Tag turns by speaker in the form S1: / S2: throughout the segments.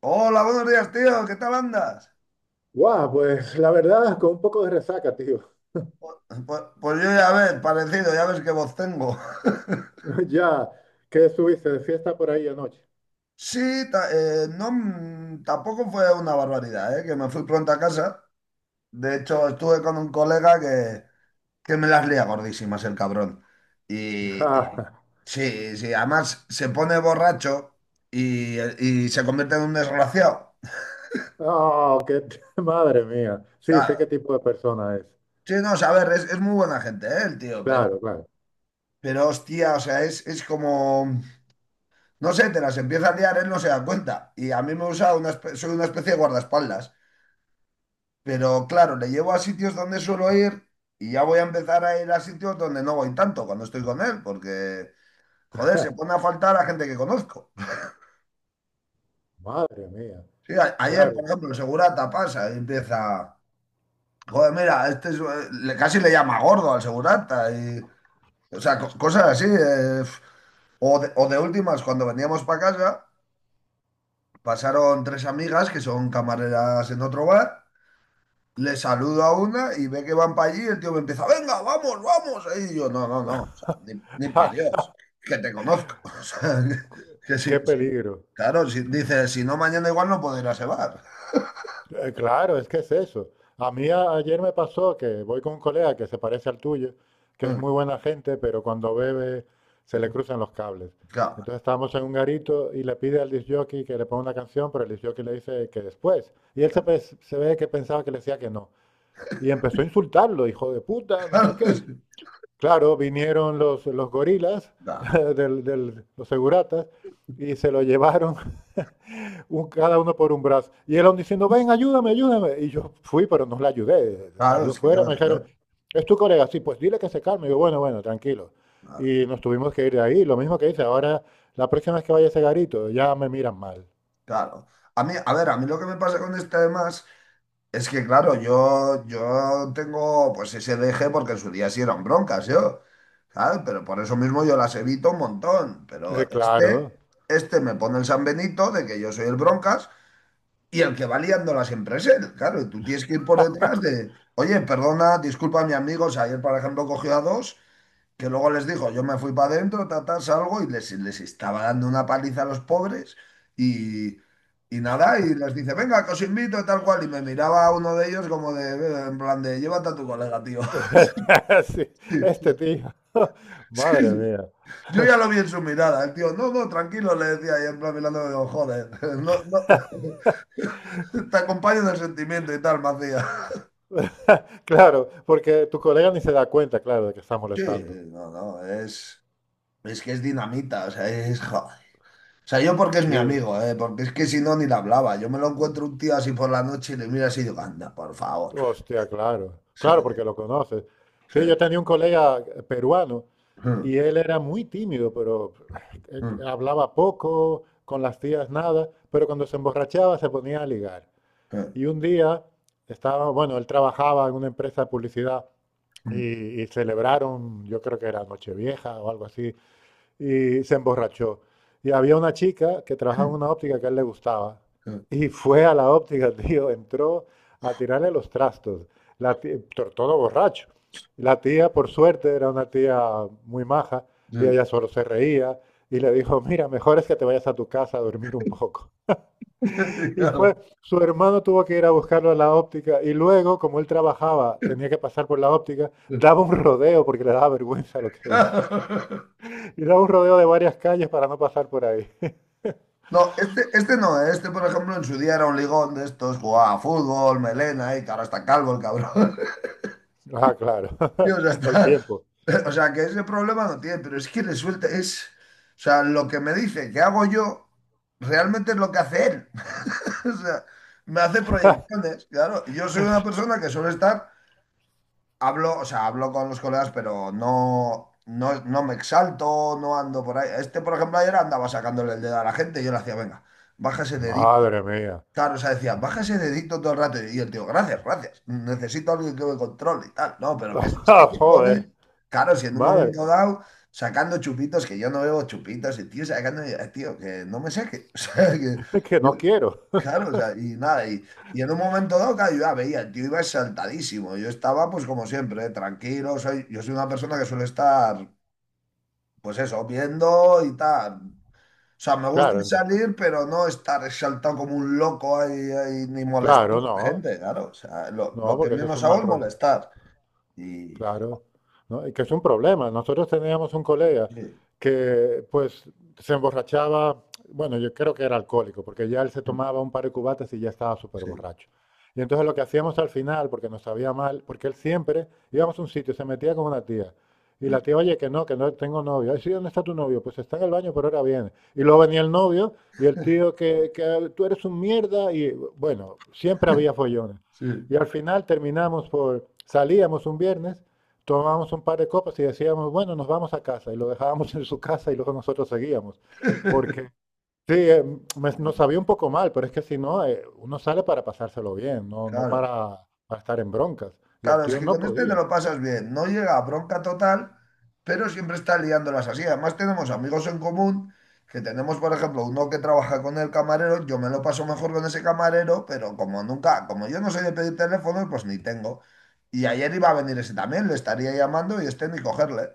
S1: Hola, buenos días, tío. ¿Qué tal andas?
S2: Guau, pues la verdad, con un poco de resaca, tío.
S1: Pues, pues yo ya ves, parecido, ya ves qué voz tengo.
S2: Ya, ¿qué estuviste de fiesta por ahí anoche?
S1: Sí, no, tampoco fue una barbaridad, ¿eh? Que me fui pronto a casa. De hecho, estuve con un colega que me las lía gordísimas, el cabrón. Y, y-
S2: Ah,
S1: sí, sí, además se pone borracho y se convierte en un desgraciado.
S2: oh, qué madre mía. Sí, sé
S1: Claro.
S2: qué tipo de persona es.
S1: Sí, no, o sea, a ver, es muy buena gente, ¿eh? El tío, pero,
S2: Claro, claro.
S1: pero hostia, o sea, es como. No sé, te las empieza a liar, él no se da cuenta. Y a mí me usa, soy una especie de guardaespaldas. Pero claro, le llevo a sitios donde suelo ir y ya voy a empezar a ir a sitios donde no voy tanto cuando estoy con él, porque, joder, se pone a faltar a gente que conozco.
S2: Madre mía,
S1: Sí, ayer,
S2: claro.
S1: por ejemplo, el segurata pasa y empieza, joder, mira, le, casi le llama gordo al segurata. Y, o sea, cosas así. O de últimas, cuando veníamos para casa, pasaron tres amigas que son camareras en otro bar. Le saludo a una y ve que van para allí y el tío me empieza, venga, vamos, vamos. Y yo, no, no, no, o sea, ni para
S2: Ah,
S1: Dios, que te conozco. O sea, que
S2: qué
S1: si, si-
S2: peligro.
S1: claro, si, dice, si no, mañana igual no puedo ir a ese bar.
S2: Claro, es que es eso. A mí ayer me pasó que voy con un colega que se parece al tuyo, que es muy buena gente, pero cuando bebe se le cruzan los cables.
S1: Claro,
S2: Entonces estábamos en un garito y le pide al disc jockey que le ponga una canción, pero el disc jockey le dice que después. Y se ve que pensaba que le decía que no. Y empezó a insultarlo, hijo de puta, no sé
S1: claro,
S2: qué.
S1: sí,
S2: Claro, vinieron los gorilas,
S1: claro,
S2: los seguratas, y se lo llevaron un, cada uno por un brazo. Y el hombre diciendo, ven, ayúdame, ayúdame. Y yo fui, pero no le ayudé.
S1: claro,
S2: Salió
S1: es que ¿qué
S2: fuera, me
S1: vas a
S2: dijeron,
S1: hacer?
S2: es tu colega. Sí, pues dile que se calme. Y yo, bueno, bueno, tranquilo.
S1: Claro,
S2: Y nos tuvimos que ir de ahí. Lo mismo que dice, ahora la próxima vez que vaya a ese garito, ya me miran mal.
S1: claro. A mí, a ver, a mí lo que me pasa con este además. Es que claro, yo tengo pues ese deje porque en su día sí eran broncas, yo, ¿sabes? Pero por eso mismo yo las evito un montón. Pero este,
S2: Claro.
S1: este me pone el San Benito de que yo soy el broncas y el que va liándola siempre es él, claro. Y tú tienes que ir por detrás de, oye, perdona, disculpa mi amigo, o sea, ayer por ejemplo cogió a dos que luego les dijo, yo me fui para adentro, ta, ta, salgo y les estaba dando una paliza a los pobres y, y nada, y les dice, venga, que os invito, tal cual, y me miraba a uno de ellos como de, en plan de, llévate a tu colega, tío.
S2: Sí,
S1: Sí,
S2: este tío.
S1: sí,
S2: Madre
S1: sí.
S2: mía.
S1: Yo ya lo vi en su mirada, el tío, no, no, tranquilo, le decía, y en plan mirándome, digo, joder, no, no, te acompaño en el sentimiento y tal, me hacía.
S2: Claro, porque tu colega ni se da cuenta, claro, de que está
S1: Sí,
S2: molestando.
S1: no, no, es que es dinamita, o sea, es, joder. O sea, yo porque es
S2: Sí,
S1: mi amigo, ¿eh? Porque es que si no, ni le hablaba. Yo me lo encuentro un tío así por la noche y le miro así y digo, anda, por favor.
S2: hostia, claro.
S1: O
S2: Claro,
S1: sea,
S2: porque lo conoces.
S1: sí,
S2: Sí, yo tenía un colega peruano.
S1: mm,
S2: Y él era muy tímido, pero hablaba poco, con las tías nada, pero cuando se emborrachaba se ponía a ligar.
S1: mm, sí,
S2: Y un día estaba, bueno, él trabajaba en una empresa de publicidad y celebraron, yo creo que era Nochevieja o algo así, y se emborrachó. Y había una chica que trabajaba en una óptica que a él le gustaba. Y fue a la óptica, tío, entró a tirarle los trastos, la tía- todo borracho. La tía, por suerte, era una tía muy maja y ella
S1: sí.
S2: solo se reía y le dijo, mira, mejor es que te vayas a tu casa a dormir un poco. Y fue, su hermano tuvo que ir a buscarlo a la óptica y luego, como él trabajaba, tenía que pasar por la óptica, daba un rodeo porque le daba vergüenza lo que hizo.
S1: Claro.
S2: Y da un rodeo de varias calles para no pasar por ahí.
S1: No, este no, ¿eh? Este, por ejemplo, en su día era un ligón de estos, jugaba a fútbol, melena, y que ahora está calvo el cabrón.
S2: Ah, claro.
S1: Y, o sea,
S2: El
S1: está-
S2: tiempo.
S1: o sea, que ese problema no tiene, pero es que le suelta, o sea, lo que me dice que hago yo, realmente es lo que hace él. O sea, me hace proyecciones, claro. Yo soy una
S2: Es-
S1: persona que suele estar, hablo, o sea, hablo con los colegas, pero no, no, no me exalto, no ando por ahí. Este, por ejemplo, ayer andaba sacándole el dedo a la gente y yo le hacía, venga, baja ese dedito.
S2: Madre mía.
S1: Claro, o sea, decía, baja ese dedito todo el rato. Y el tío, gracias, gracias. Necesito a alguien que me controle y tal. No, pero que es que
S2: Ah,
S1: se
S2: joder.
S1: pone, claro, si en un
S2: Madre.
S1: momento dado, sacando chupitos, que yo no bebo chupitos, y tío, sacando, tío, que no me saque. O sea, que...
S2: Que no quiero.
S1: Claro, o sea, y nada, y en un momento dado, claro, yo ya veía, el tío iba exaltadísimo. Yo estaba, pues como siempre, ¿eh? Tranquilo. Soy, yo soy una persona que suele estar, pues eso, viendo y tal. O sea, me gusta
S2: Claro,
S1: salir, pero no estar exaltado como un loco ahí, ahí, ni molestar
S2: claro,
S1: a la
S2: no.
S1: gente, claro. O sea, lo,
S2: No,
S1: lo que
S2: porque eso es
S1: menos
S2: un
S1: hago
S2: mal
S1: es
S2: rodeo.
S1: molestar. Y
S2: Claro, ¿no? Y que es un problema. Nosotros teníamos un colega
S1: sí,
S2: que pues se emborrachaba, bueno, yo creo que era alcohólico, porque ya él se tomaba un par de cubatas y ya estaba súper
S1: sí,
S2: borracho. Y entonces lo que hacíamos al final, porque nos sabía mal, porque él siempre íbamos a un sitio, se metía con una tía. Y la tía, oye, que no tengo novio. Ay, sí, ¿dónde está tu novio? Pues está en el baño, pero ahora viene. Y luego venía el novio y el tío, que tú eres un mierda. Y bueno, siempre había follones.
S1: sí,
S2: Y al final terminamos por, salíamos un viernes, tomábamos un par de copas y decíamos, bueno, nos vamos a casa. Y lo dejábamos en su casa y luego nosotros seguíamos. Porque sí, nos sabía un poco mal, pero es que si no, uno sale para pasárselo bien, no, no
S1: claro.
S2: para estar en broncas. Y el
S1: Claro, es
S2: tío
S1: que
S2: no
S1: con este te
S2: podía.
S1: lo pasas bien. No llega a bronca total, pero siempre está liándolas así. Además, tenemos amigos en común, que tenemos, por ejemplo, uno que trabaja con el camarero. Yo me lo paso mejor con ese camarero, pero como nunca, como yo no soy de pedir teléfonos, pues ni tengo. Y ayer iba a venir ese también, le estaría llamando y este ni cogerle.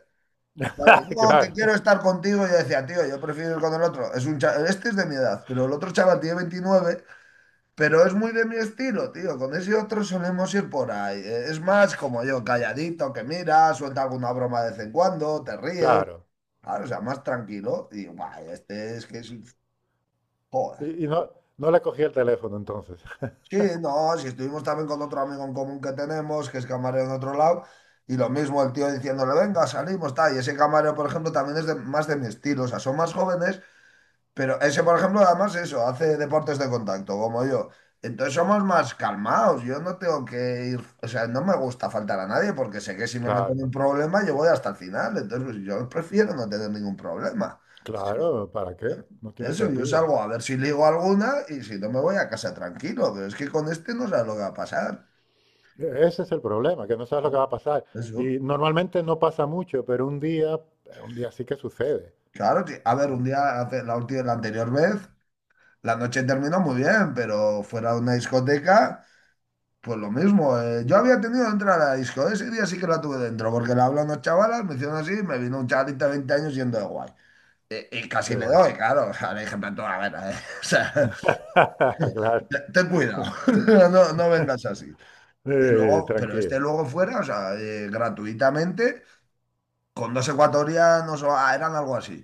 S1: Claro, no, que quiero
S2: Claro,
S1: estar contigo. Yo decía, tío, yo prefiero ir con el otro. Este es de mi edad, pero el otro chaval tiene 29. Pero es muy de mi estilo, tío. Con ese otro solemos ir por ahí. Es más como yo, calladito, que mira, suelta alguna broma de vez en cuando, te ríes.
S2: claro.
S1: Claro, o sea, más tranquilo. Y guay, este es que es... Joder.
S2: Y no, no le cogí el teléfono entonces.
S1: Sí, no, si estuvimos también con otro amigo en común que tenemos, que es camarero en otro lado, y lo mismo el tío diciéndole, venga, salimos, tal. Y ese camarero, por ejemplo, también más de mi estilo. O sea, son más jóvenes. Pero ese, por ejemplo, además eso, hace deportes de contacto, como yo. Entonces somos más calmados. Yo no tengo que ir, o sea, no me gusta faltar a nadie porque sé que si me meto en un
S2: Claro,
S1: problema yo voy hasta el final. Entonces pues, yo prefiero no tener ningún problema. Sí,
S2: claro, ¿para
S1: claro.
S2: qué? No tiene
S1: Eso, yo
S2: sentido.
S1: salgo a ver si ligo alguna y si no me voy a casa tranquilo. Pero es que con este no sabes lo que va a pasar.
S2: Ese es el problema, que no sabes lo que va
S1: Claro.
S2: a pasar.
S1: Eso.
S2: Y normalmente no pasa mucho, pero un día sí que sucede.
S1: Claro, que- a ver, un día, hace- la última, la anterior vez, la noche terminó muy bien, pero fuera de una discoteca. Pues lo mismo, yo había tenido que entrar a la disco, ese día sí que la tuve dentro, porque le hablé a unos chavalas, me hicieron así, y me vino un chavalito de 20 años yendo de guay. Y casi
S2: Qué
S1: le
S2: va.
S1: doy, claro, o sea, le dije, pero tú, a ver, o sea,
S2: Claro.
S1: ten cuidado, no, no vengas así. Y luego, pero este
S2: Tranquilo.
S1: luego fuera, o sea, gratuitamente, con dos ecuatorianos, o eran algo así.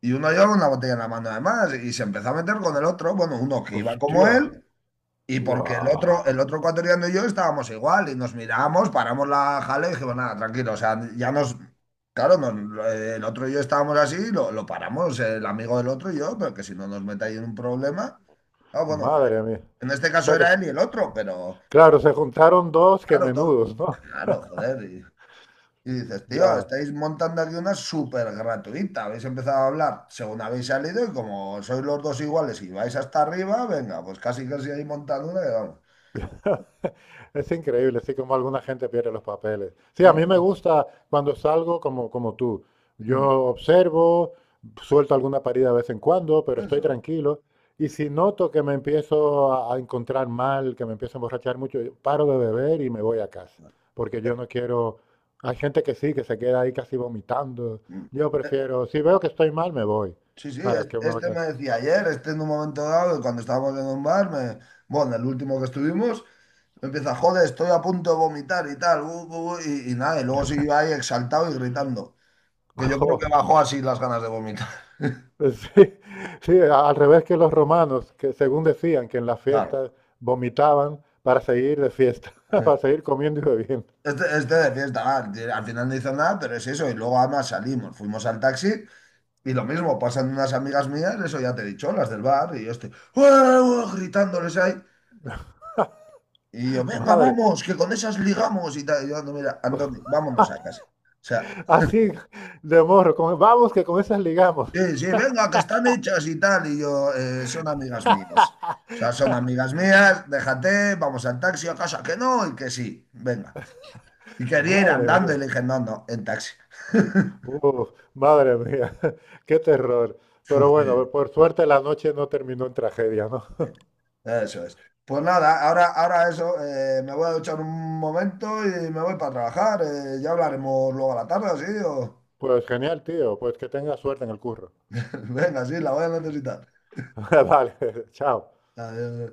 S1: Y uno llevaba una botella en la mano además, y se empezó a meter con el otro, bueno, uno que iba como
S2: Hostia.
S1: él. Y porque el
S2: Guau.
S1: otro, el otro ecuatoriano y yo estábamos igual y nos miramos, paramos la jale y dijimos, nada, tranquilo, o sea, ya nos, claro, el otro y yo estábamos así, lo paramos, el amigo del otro y yo, pero que si no nos metáis en un problema, ah, bueno,
S2: Madre mía.
S1: en este
S2: O
S1: caso
S2: sea que,
S1: era él y el otro, pero
S2: claro, se juntaron dos que
S1: claro,
S2: menudos, ¿no?
S1: claro, joder, y dices, tío,
S2: Ya.
S1: estáis montando aquí una súper gratuita, habéis empezado a hablar según habéis salido y como sois los dos iguales y vais hasta arriba, venga, pues casi casi ahí montando una y vamos.
S2: Es increíble, así como alguna gente pierde los papeles. Sí, a mí me
S1: Sí,
S2: gusta cuando salgo como, como tú. Yo
S1: mm,
S2: observo, suelto alguna parida de vez en cuando, pero estoy
S1: eso.
S2: tranquilo. Y si noto que me empiezo a encontrar mal, que me empiezo a emborrachar mucho, yo paro de beber y me voy a casa. Porque yo
S1: eh,
S2: no quiero... Hay gente que sí, que se queda ahí casi vomitando.
S1: mm,
S2: Yo
S1: eh,
S2: prefiero, si veo que estoy mal, me voy.
S1: Sí, sí,
S2: ¿Para qué me voy a
S1: este
S2: quedar?
S1: me decía ayer, este en un momento dado, que cuando estábamos en un bar, bueno, el último que estuvimos, me empieza, joder, estoy a punto de vomitar y tal, y nada, y luego siguió ahí exaltado y gritando, que yo creo que bajó así las ganas de vomitar.
S2: Pues sí, sí, al revés que los romanos, que según decían que en las
S1: Claro.
S2: fiestas vomitaban para seguir de fiesta, para seguir comiendo y bebiendo.
S1: Este de fiesta, ah, que al final no hizo nada, pero es eso, y luego además salimos, fuimos al taxi y lo mismo, pasan unas amigas mías, eso ya te he dicho, las del bar, y yo estoy, "Uah, uah", gritándoles ahí. Y yo, venga,
S2: Madre,
S1: vamos, que con esas ligamos y tal. Y yo, "Ando, mira, Antonio, vámonos a casa. O sea,
S2: así de morro, vamos que con esas ligamos.
S1: sí, sí, venga, que están hechas y tal. Y yo, son amigas mías. O sea, son amigas mías, déjate, vamos al taxi a casa, que no, y que sí, venga. Y quería ir
S2: Madre
S1: andando y
S2: mía,
S1: le dije, no, no, en taxi.
S2: uf, madre mía, qué terror.
S1: Fu,
S2: Pero
S1: sí,
S2: bueno, por suerte la noche no terminó en tragedia, ¿no?
S1: sí. Eso es. Pues nada, ahora eso, me voy a duchar un momento y me voy para trabajar. Ya hablaremos luego a la tarde, ¿sí? O...
S2: Pues genial, tío, pues que tengas suerte en el curro.
S1: Venga, sí, la voy a necesitar.
S2: Vale, chao.
S1: Adiós.